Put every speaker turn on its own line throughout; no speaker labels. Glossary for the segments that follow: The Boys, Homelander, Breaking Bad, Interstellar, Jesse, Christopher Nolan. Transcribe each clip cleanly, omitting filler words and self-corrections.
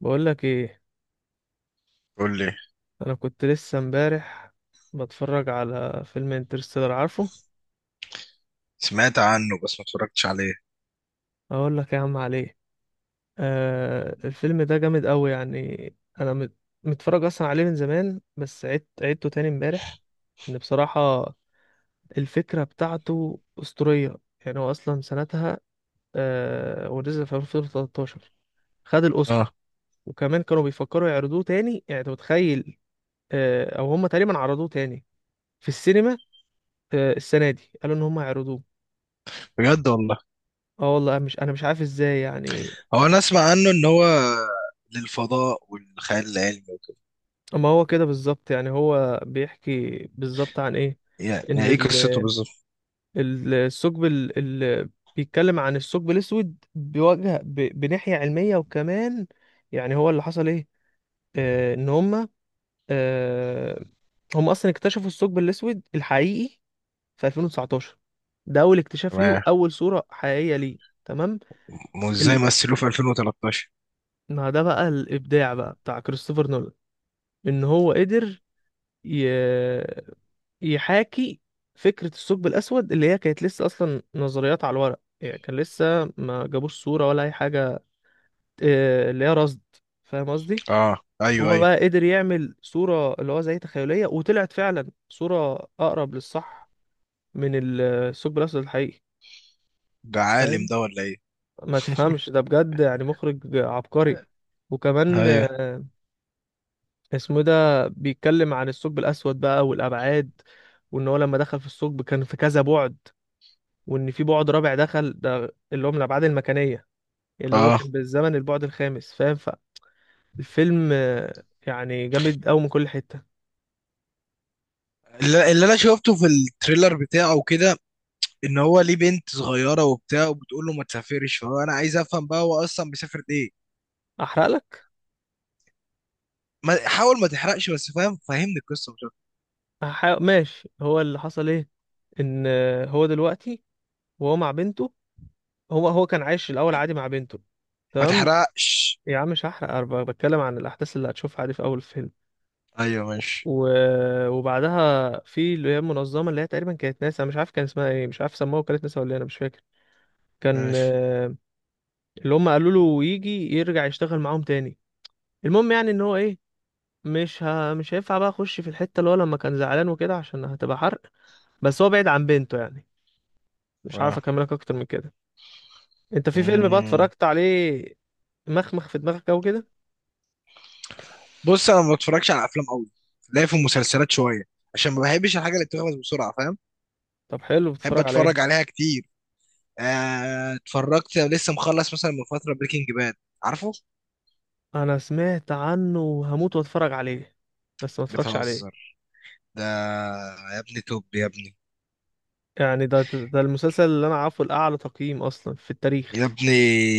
بقول لك ايه؟
قول لي.
انا كنت لسه امبارح بتفرج على فيلم انترستيلر، عارفه.
سمعت عنه بس ما اتفرجتش عليه.
اقول لك يا عم عليه. آه، الفيلم ده جامد قوي. متفرج اصلا عليه من زمان، بس عدت عدته تاني امبارح. ان بصراحة الفكرة بتاعته اسطورية. يعني هو اصلا سنتها ونزل في 2013، خد الاوسكار.
اه
وكمان كانوا بيفكروا يعرضوه تاني، يعني انت متخيل. او هم تقريبا عرضوه تاني في السينما. السنه دي قالوا ان هم يعرضوه.
بجد والله؟
اه والله مش انا مش عارف ازاي يعني.
هو انا اسمع عنه ان هو للفضاء والخيال العلمي وكده.
اما هو كده بالظبط، يعني هو بيحكي بالظبط عن ايه؟
يعني
ان
يعني ايه قصته بالظبط؟
الثقب ال- بيتكلم عن الثقب الاسود بوجه بناحية علمية. وكمان يعني هو اللي حصل ايه؟ ان هم، آه هم اصلا اكتشفوا الثقب الاسود الحقيقي في 2019. ده اول اكتشاف ليه
تمام.
واول صورة حقيقية ليه. تمام.
وازاي
ال...
مثلوه في 2013؟
ما ده بقى الابداع بقى بتاع كريستوفر نولان. ان هو قدر ي... يحاكي فكرة الثقب الأسود، اللي هي كانت لسه أصلا نظريات على الورق، يعني كان لسه ما جابوش صورة ولا أي حاجة. اللي هي رصد. فاهم قصدي؟
اه ايوه
هو
ايوه.
بقى قدر يعمل صورة اللي هو زي تخيلية، وطلعت فعلا صورة أقرب للصح من الثقب الأسود الحقيقي.
ده عالم
فاهم؟
ده ولا ايه؟
ما تفهمش، ده بجد يعني مخرج عبقري. وكمان
ايوه
اسمه إيه ده، بيتكلم عن الثقب الأسود بقى والأبعاد. وإن هو لما دخل في الثقب كان في كذا بعد، وان في بعد رابع دخل، ده اللي هو من الابعاد المكانيه. اللي هو
اه.
كان بالزمن البعد الخامس، فاهم. فالفيلم يعني جامد قوي من كل حته.
اللي انا شفته في التريلر بتاعه وكده ان هو ليه بنت صغيره وبتاع وبتقول له ما تسافرش، فهو انا عايز افهم بقى هو اصلا بيسافر ليه.
احرق لك.
ما حاول ما تحرقش بس، فاهم، فهمني القصه مش أكتر.
أحرق. ماشي، هو اللي حصل ايه؟ ان هو دلوقتي وهو مع بنته، هو كان عايش الاول عادي مع بنته.
ما
تمام.
تحرقش.
يا عم مش هحرق، أنا بتكلم عن الاحداث اللي هتشوفها عادي في اول الفيلم.
ايوه ماشي.
و... وبعدها في اللي هي المنظمه، اللي هي تقريبا كانت ناسا، مش عارف كان اسمها ايه، مش عارف سموها وكالة ناسا ولا إيه، انا مش فاكر. كان
ماشي.
اللي هم قالوا له يجي يرجع يشتغل معاهم تاني. المهم يعني ان هو ايه، مش هينفع بقى اخش في الحته اللي هو لما كان زعلان وكده، عشان هتبقى حرق. بس هو بعيد عن بنته يعني. مش عارف
آه.
اكملك اكتر من كده. انت في فيلم بقى
مم.
اتفرجت عليه، مخمخ في دماغك او كده؟
بص انا ما بتفرجش على افلام قوي، لا في المسلسلات شويه عشان ما بحبش الحاجه اللي بتخلص بسرعه، فاهم؟
طب حلو،
بحب
بتتفرج على ايه؟
اتفرج عليها كتير. اتفرجت لسه، مخلص مثلا من فتره بريكنج باد، عارفه؟
انا سمعت عنه وهموت واتفرج عليه، بس ما اتفرجش عليه.
بتهزر؟ ده، يا ابني توب يا ابني.
يعني ده المسلسل اللي انا عارفه الاعلى تقييم اصلا في
يا
التاريخ.
ابني،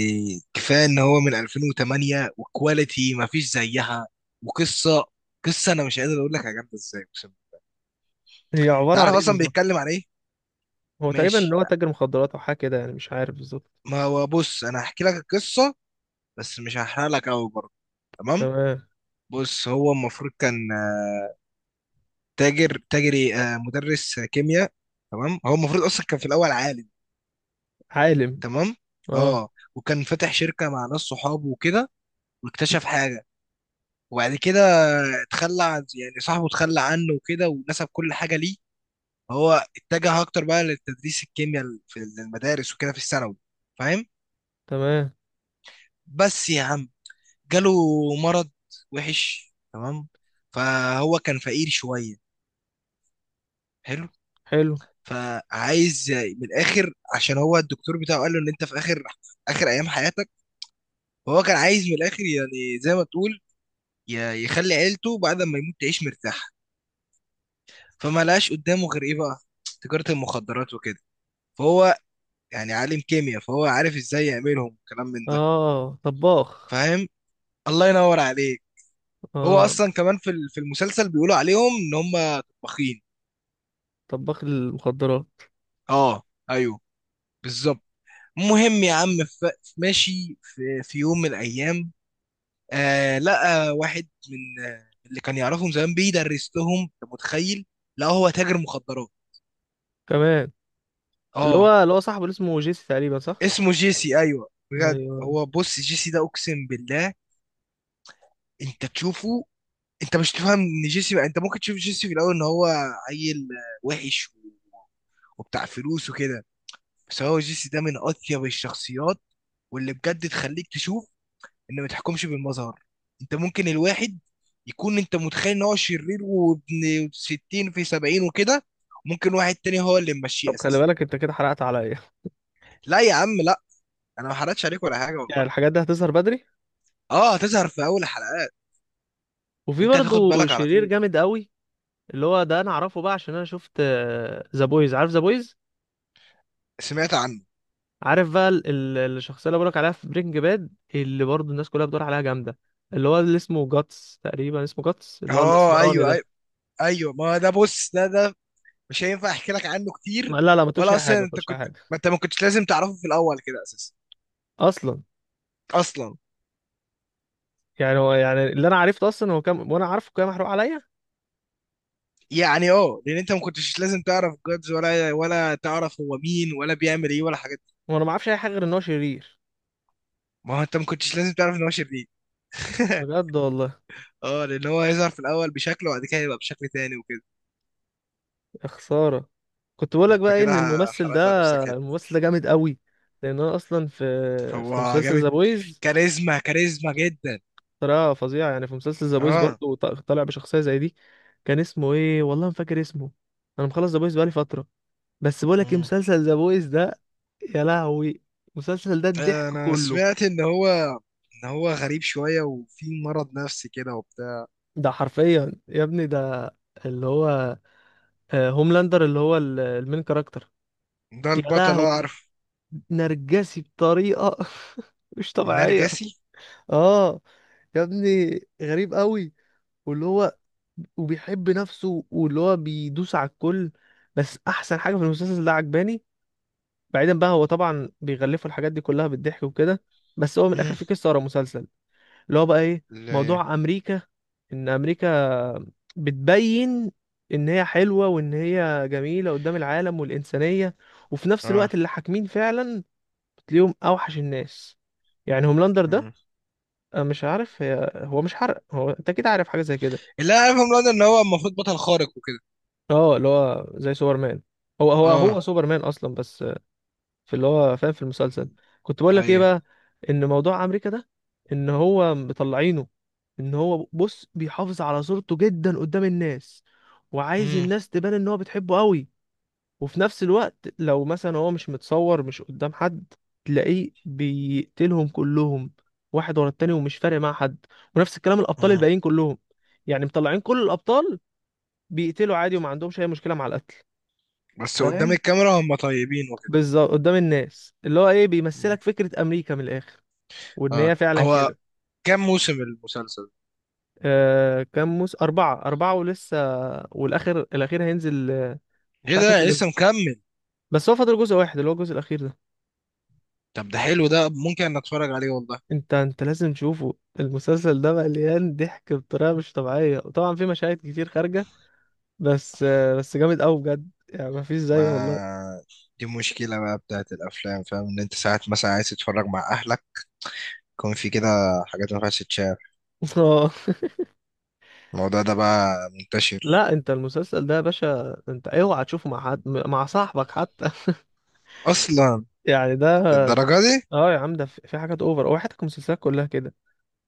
كفايه ان هو من 2008 وكواليتي ما فيش زيها، وقصه، قصه انا مش قادر اقول لك يا جامده ازاي، اقسم بالله.
هي
انت
عباره عن
عارف
ايه
اصلا
بالظبط؟
بيتكلم عن ايه؟
هو تقريبا ان
ماشي.
هو تاجر مخدرات او حاجه كده، يعني مش عارف بالظبط.
ما هو بص، انا هحكي لك القصه بس مش هحرق لك قوي برضه، تمام؟
تمام.
بص، هو المفروض كان تاجر تاجري آه، مدرس كيمياء. تمام، هو المفروض اصلا كان في الاول عالم.
عالم.
تمام.
اه.
اه. وكان فاتح شركه مع ناس صحابه وكده، واكتشف حاجه. وبعد كده اتخلى عن، يعني، صاحبه اتخلى عنه وكده ونسب كل حاجه ليه. هو اتجه اكتر بقى لتدريس الكيمياء في المدارس وكده، في الثانوي، فاهم؟
تمام.
بس يا عم، جاله مرض وحش، تمام؟ فهو كان فقير شويه. حلو.
حلو.
فعايز من الاخر، عشان هو الدكتور بتاعه قال له ان انت في اخر اخر ايام حياتك، فهو كان عايز من الاخر، يعني زي ما تقول، يخلي عيلته بعد ما يموت تعيش مرتاحه. فما لقاش قدامه غير ايه بقى؟ تجاره المخدرات وكده. فهو، يعني، عالم كيمياء، فهو عارف ازاي يعملهم وكلام من ده،
اه طباخ.
فاهم؟ الله ينور عليك. هو
اه
اصلا كمان في في المسلسل بيقولوا عليهم ان هم طباخين.
طباخ المخدرات.
اه ايوه، بالظبط. المهم يا عم، ماشي، في، في يوم من الايام، آه، لقى واحد من، آه، من اللي كان يعرفهم زمان بيدرس لهم، أنت متخيل؟ لا، هو تاجر مخدرات.
كمان اللي
اه.
هو صاحبه اللي اسمه جيسي تقريبا، صح؟
اسمه جيسي، ايوه بجد.
ايوه.
هو بص، جيسي ده اقسم بالله انت تشوفه، انت مش تفهم ان جيسي، انت ممكن تشوف جيسي في الاول ان هو عيل، وحش، وبتاع فلوس وكده، بس هو جيسي ده من اطيب الشخصيات، واللي بجد تخليك تشوف ان ما تحكمش بالمظهر. انت ممكن الواحد يكون، انت متخيل ان هو شرير وابن 60 في 70 وكده، ممكن واحد تاني هو اللي ممشيه
طب خلي
اساسا.
بالك انت كده حرقت عليا.
لا يا عم لا، انا ما حرقتش عليك ولا حاجه
يعني
والله.
الحاجات دي هتظهر بدري؟
اه، هتظهر في اول حلقات.
وفي
انت هتاخد
برضه
بالك على
شرير
طول.
جامد قوي، اللي هو ده انا اعرفه بقى عشان انا شفت ذا بويز، عارف ذا بويز.
سمعت عنه.
عارف بقى الشخصيه اللي بقولك عليها في برينج باد، اللي برضه الناس كلها بتدور عليها جامده، اللي هو اللي اسمه جاتس تقريبا، اسمه جاتس، اللي هو
اه
الاسمراني
ايوه ايوه.
ده.
ايوه، ما ده بص، ده مش هينفع احكي لك عنه كتير.
لا، ما تقولش
ولا
اي حاجه،
اصلا
ما
انت
تقولش اي
كنت،
حاجه
ما انت ما كنتش لازم تعرفه في الاول كده اساسا.
اصلا.
اصلا.
يعني هو، يعني اللي انا عرفته اصلا هو كان، وانا عارفه كان محروق عليا.
يعني اه، لان انت ما كنتش لازم تعرف جادز ولا تعرف هو مين ولا بيعمل ايه ولا حاجات.
وانا ما اعرفش اي حاجه غير ان هو شرير.
ما هو انت ما كنتش لازم تعرف ان هو شرير.
بجد والله.
اه، لان هو هيظهر في الاول بشكل وبعد كده يبقى بشكل تاني وكده.
يا خساره. كنت بقول لك
انت
بقى ايه،
كده
ان الممثل
حرقت على نفسك
ده،
حته.
الممثل ده جامد قوي. لان انا اصلا في في
هو
مسلسل
جامد.
ذا بويز،
كاريزما جدا.
طريقه فظيعه يعني. في مسلسل ذا بويز
اه.
برضه طالع بشخصيه زي دي. كان اسمه ايه، والله ما فاكر اسمه. انا مخلص ذا بويز بقالي فتره. بس بقول لك ايه،
مم.
مسلسل ذا بويز ده، يا لهوي، المسلسل ده الضحك
انا
كله.
سمعت ان هو، ان هو غريب شويه وفي مرض نفسي كده وبتاع.
ده حرفيا يا ابني، ده اللي هو هوملاندر، اللي هو المين كاركتر.
ده
يا
البطل، اه
لهوي.
عارف.
نرجسي بطريقة مش طبيعية.
نرجسي.
اه يا ابني، غريب قوي. واللي هو، وبيحب نفسه، واللي هو بيدوس على الكل. بس احسن حاجة في المسلسل ده عجباني، بعيدا بقى هو طبعا بيغلفوا الحاجات دي كلها بالضحك وكده، بس هو من الاخر
مم.
في قصة ورا مسلسل اللي هو بقى ايه،
اللي.
موضوع امريكا. ان امريكا بتبين ان هي حلوة وان هي جميلة قدام العالم والانسانية، وفي نفس
اه.
الوقت اللي حاكمين فعلا بتلاقيهم اوحش الناس. يعني هوملاندر ده،
مم.
أنا مش عارف هي، هو مش حرق هو، انت كده عارف حاجة زي كده.
اللي انا عارفه من ان هو المفروض بطل خارق وكده.
اه اللي هو زي سوبرمان. هو
اه.
سوبرمان اصلا، بس في اللي هو فاهم في المسلسل. كنت بقول لك ايه
ايوه.
بقى، ان موضوع امريكا ده، ان هو مطلعينه، ان هو بص بيحافظ على صورته جدا قدام الناس، وعايز
مم.
الناس تبان ان هو بتحبه قوي. وفي نفس الوقت لو مثلا هو مش متصور مش قدام حد، تلاقيه بيقتلهم كلهم، واحد ورا التاني، ومش فارق مع حد. ونفس الكلام الابطال
مم.
الباقيين كلهم. يعني مطلعين كل الابطال بيقتلوا عادي، وما عندهمش اي مشكلة مع القتل،
بس قدام
فاهم.
الكاميرا هم طيبين وكده.
بالظبط قدام الناس، اللي هو ايه،
مم.
بيمثلك فكرة امريكا من الاخر، وان
اه.
هي فعلا
هو
كده.
كام موسم المسلسل؟
كام اربعة، اربعة ولسه، الاخير هينزل، مش
ايه
عارف
ده
ينزل
لسه
امتى.
مكمل؟
بس هو فاضل جزء واحد، اللي هو الجزء الاخير ده.
طب ده حلو، ده ممكن انك اتفرج عليه والله.
انت لازم تشوفه. المسلسل ده مليان ضحك بطريقة مش طبيعية، وطبعا في مشاهد كتير خارجة، بس جامد قوي بجد، يعني مفيش زيه والله.
ما دي مشكلة بقى بتاعت الافلام، فاهم، ان انت ساعات مثلا عايز تتفرج مع اهلك، يكون في كده حاجات ما ينفعش تتشاف.
آه.
الموضوع ده بقى منتشر.
لا انت المسلسل ده يا باشا انت اوعى تشوفه مع حد، مع صاحبك حتى.
اصلا
يعني ده.
للدرجة دي؟
اه يا عم، ده في في حاجات اوفر. هو حياتك المسلسلات كلها كده،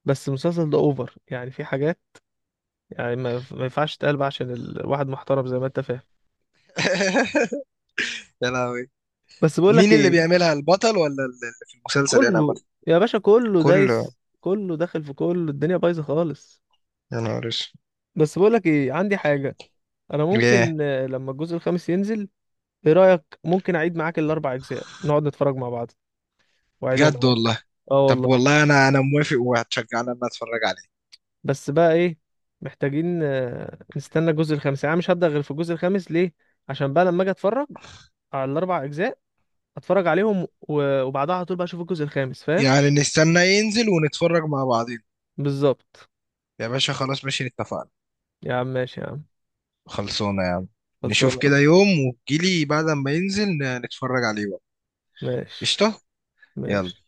بس المسلسل ده اوفر يعني. في حاجات يعني ما ينفعش تتقال بقى، عشان الواحد محترم زي ما انت فاهم.
يا لهوي.
بس بقول لك
مين اللي
ايه،
بيعملها؟ البطل ولا اللي في المسلسل هنا عامة؟
كله. يا باشا كله
كله؟
دايس، كله داخل في كله، الدنيا بايظه خالص.
يا نهار اسود.
بس بقول لك ايه، عندي حاجه. انا
ليه؟
ممكن لما الجزء الخامس ينزل، ايه رايك ممكن اعيد معاك الاربع اجزاء، نقعد نتفرج مع بعض واعيدهم
بجد
معاك.
والله؟
اه
طب
والله.
والله انا، انا موافق، وهتشجعني ان انا اتفرج عليه.
بس بقى ايه، محتاجين نستنى الجزء الخامس. يعني أنا مش هبدأ غير في الجزء الخامس، ليه؟ عشان بقى لما اجي اتفرج على الاربع اجزاء، اتفرج عليهم وبعدها على طول بقى اشوف الجزء الخامس، فاهم.
يعني نستنى ينزل ونتفرج مع بعضين؟
بالظبط.
يا باشا خلاص ماشي، اتفقنا.
يا عم ماشي يا عم.
خلصونا يا عم. نشوف
خلصانه.
كده يوم وتجيلي بعد ما ينزل، نتفرج عليه بقى.
ماشي.
قشطة. يلا.
ماشي.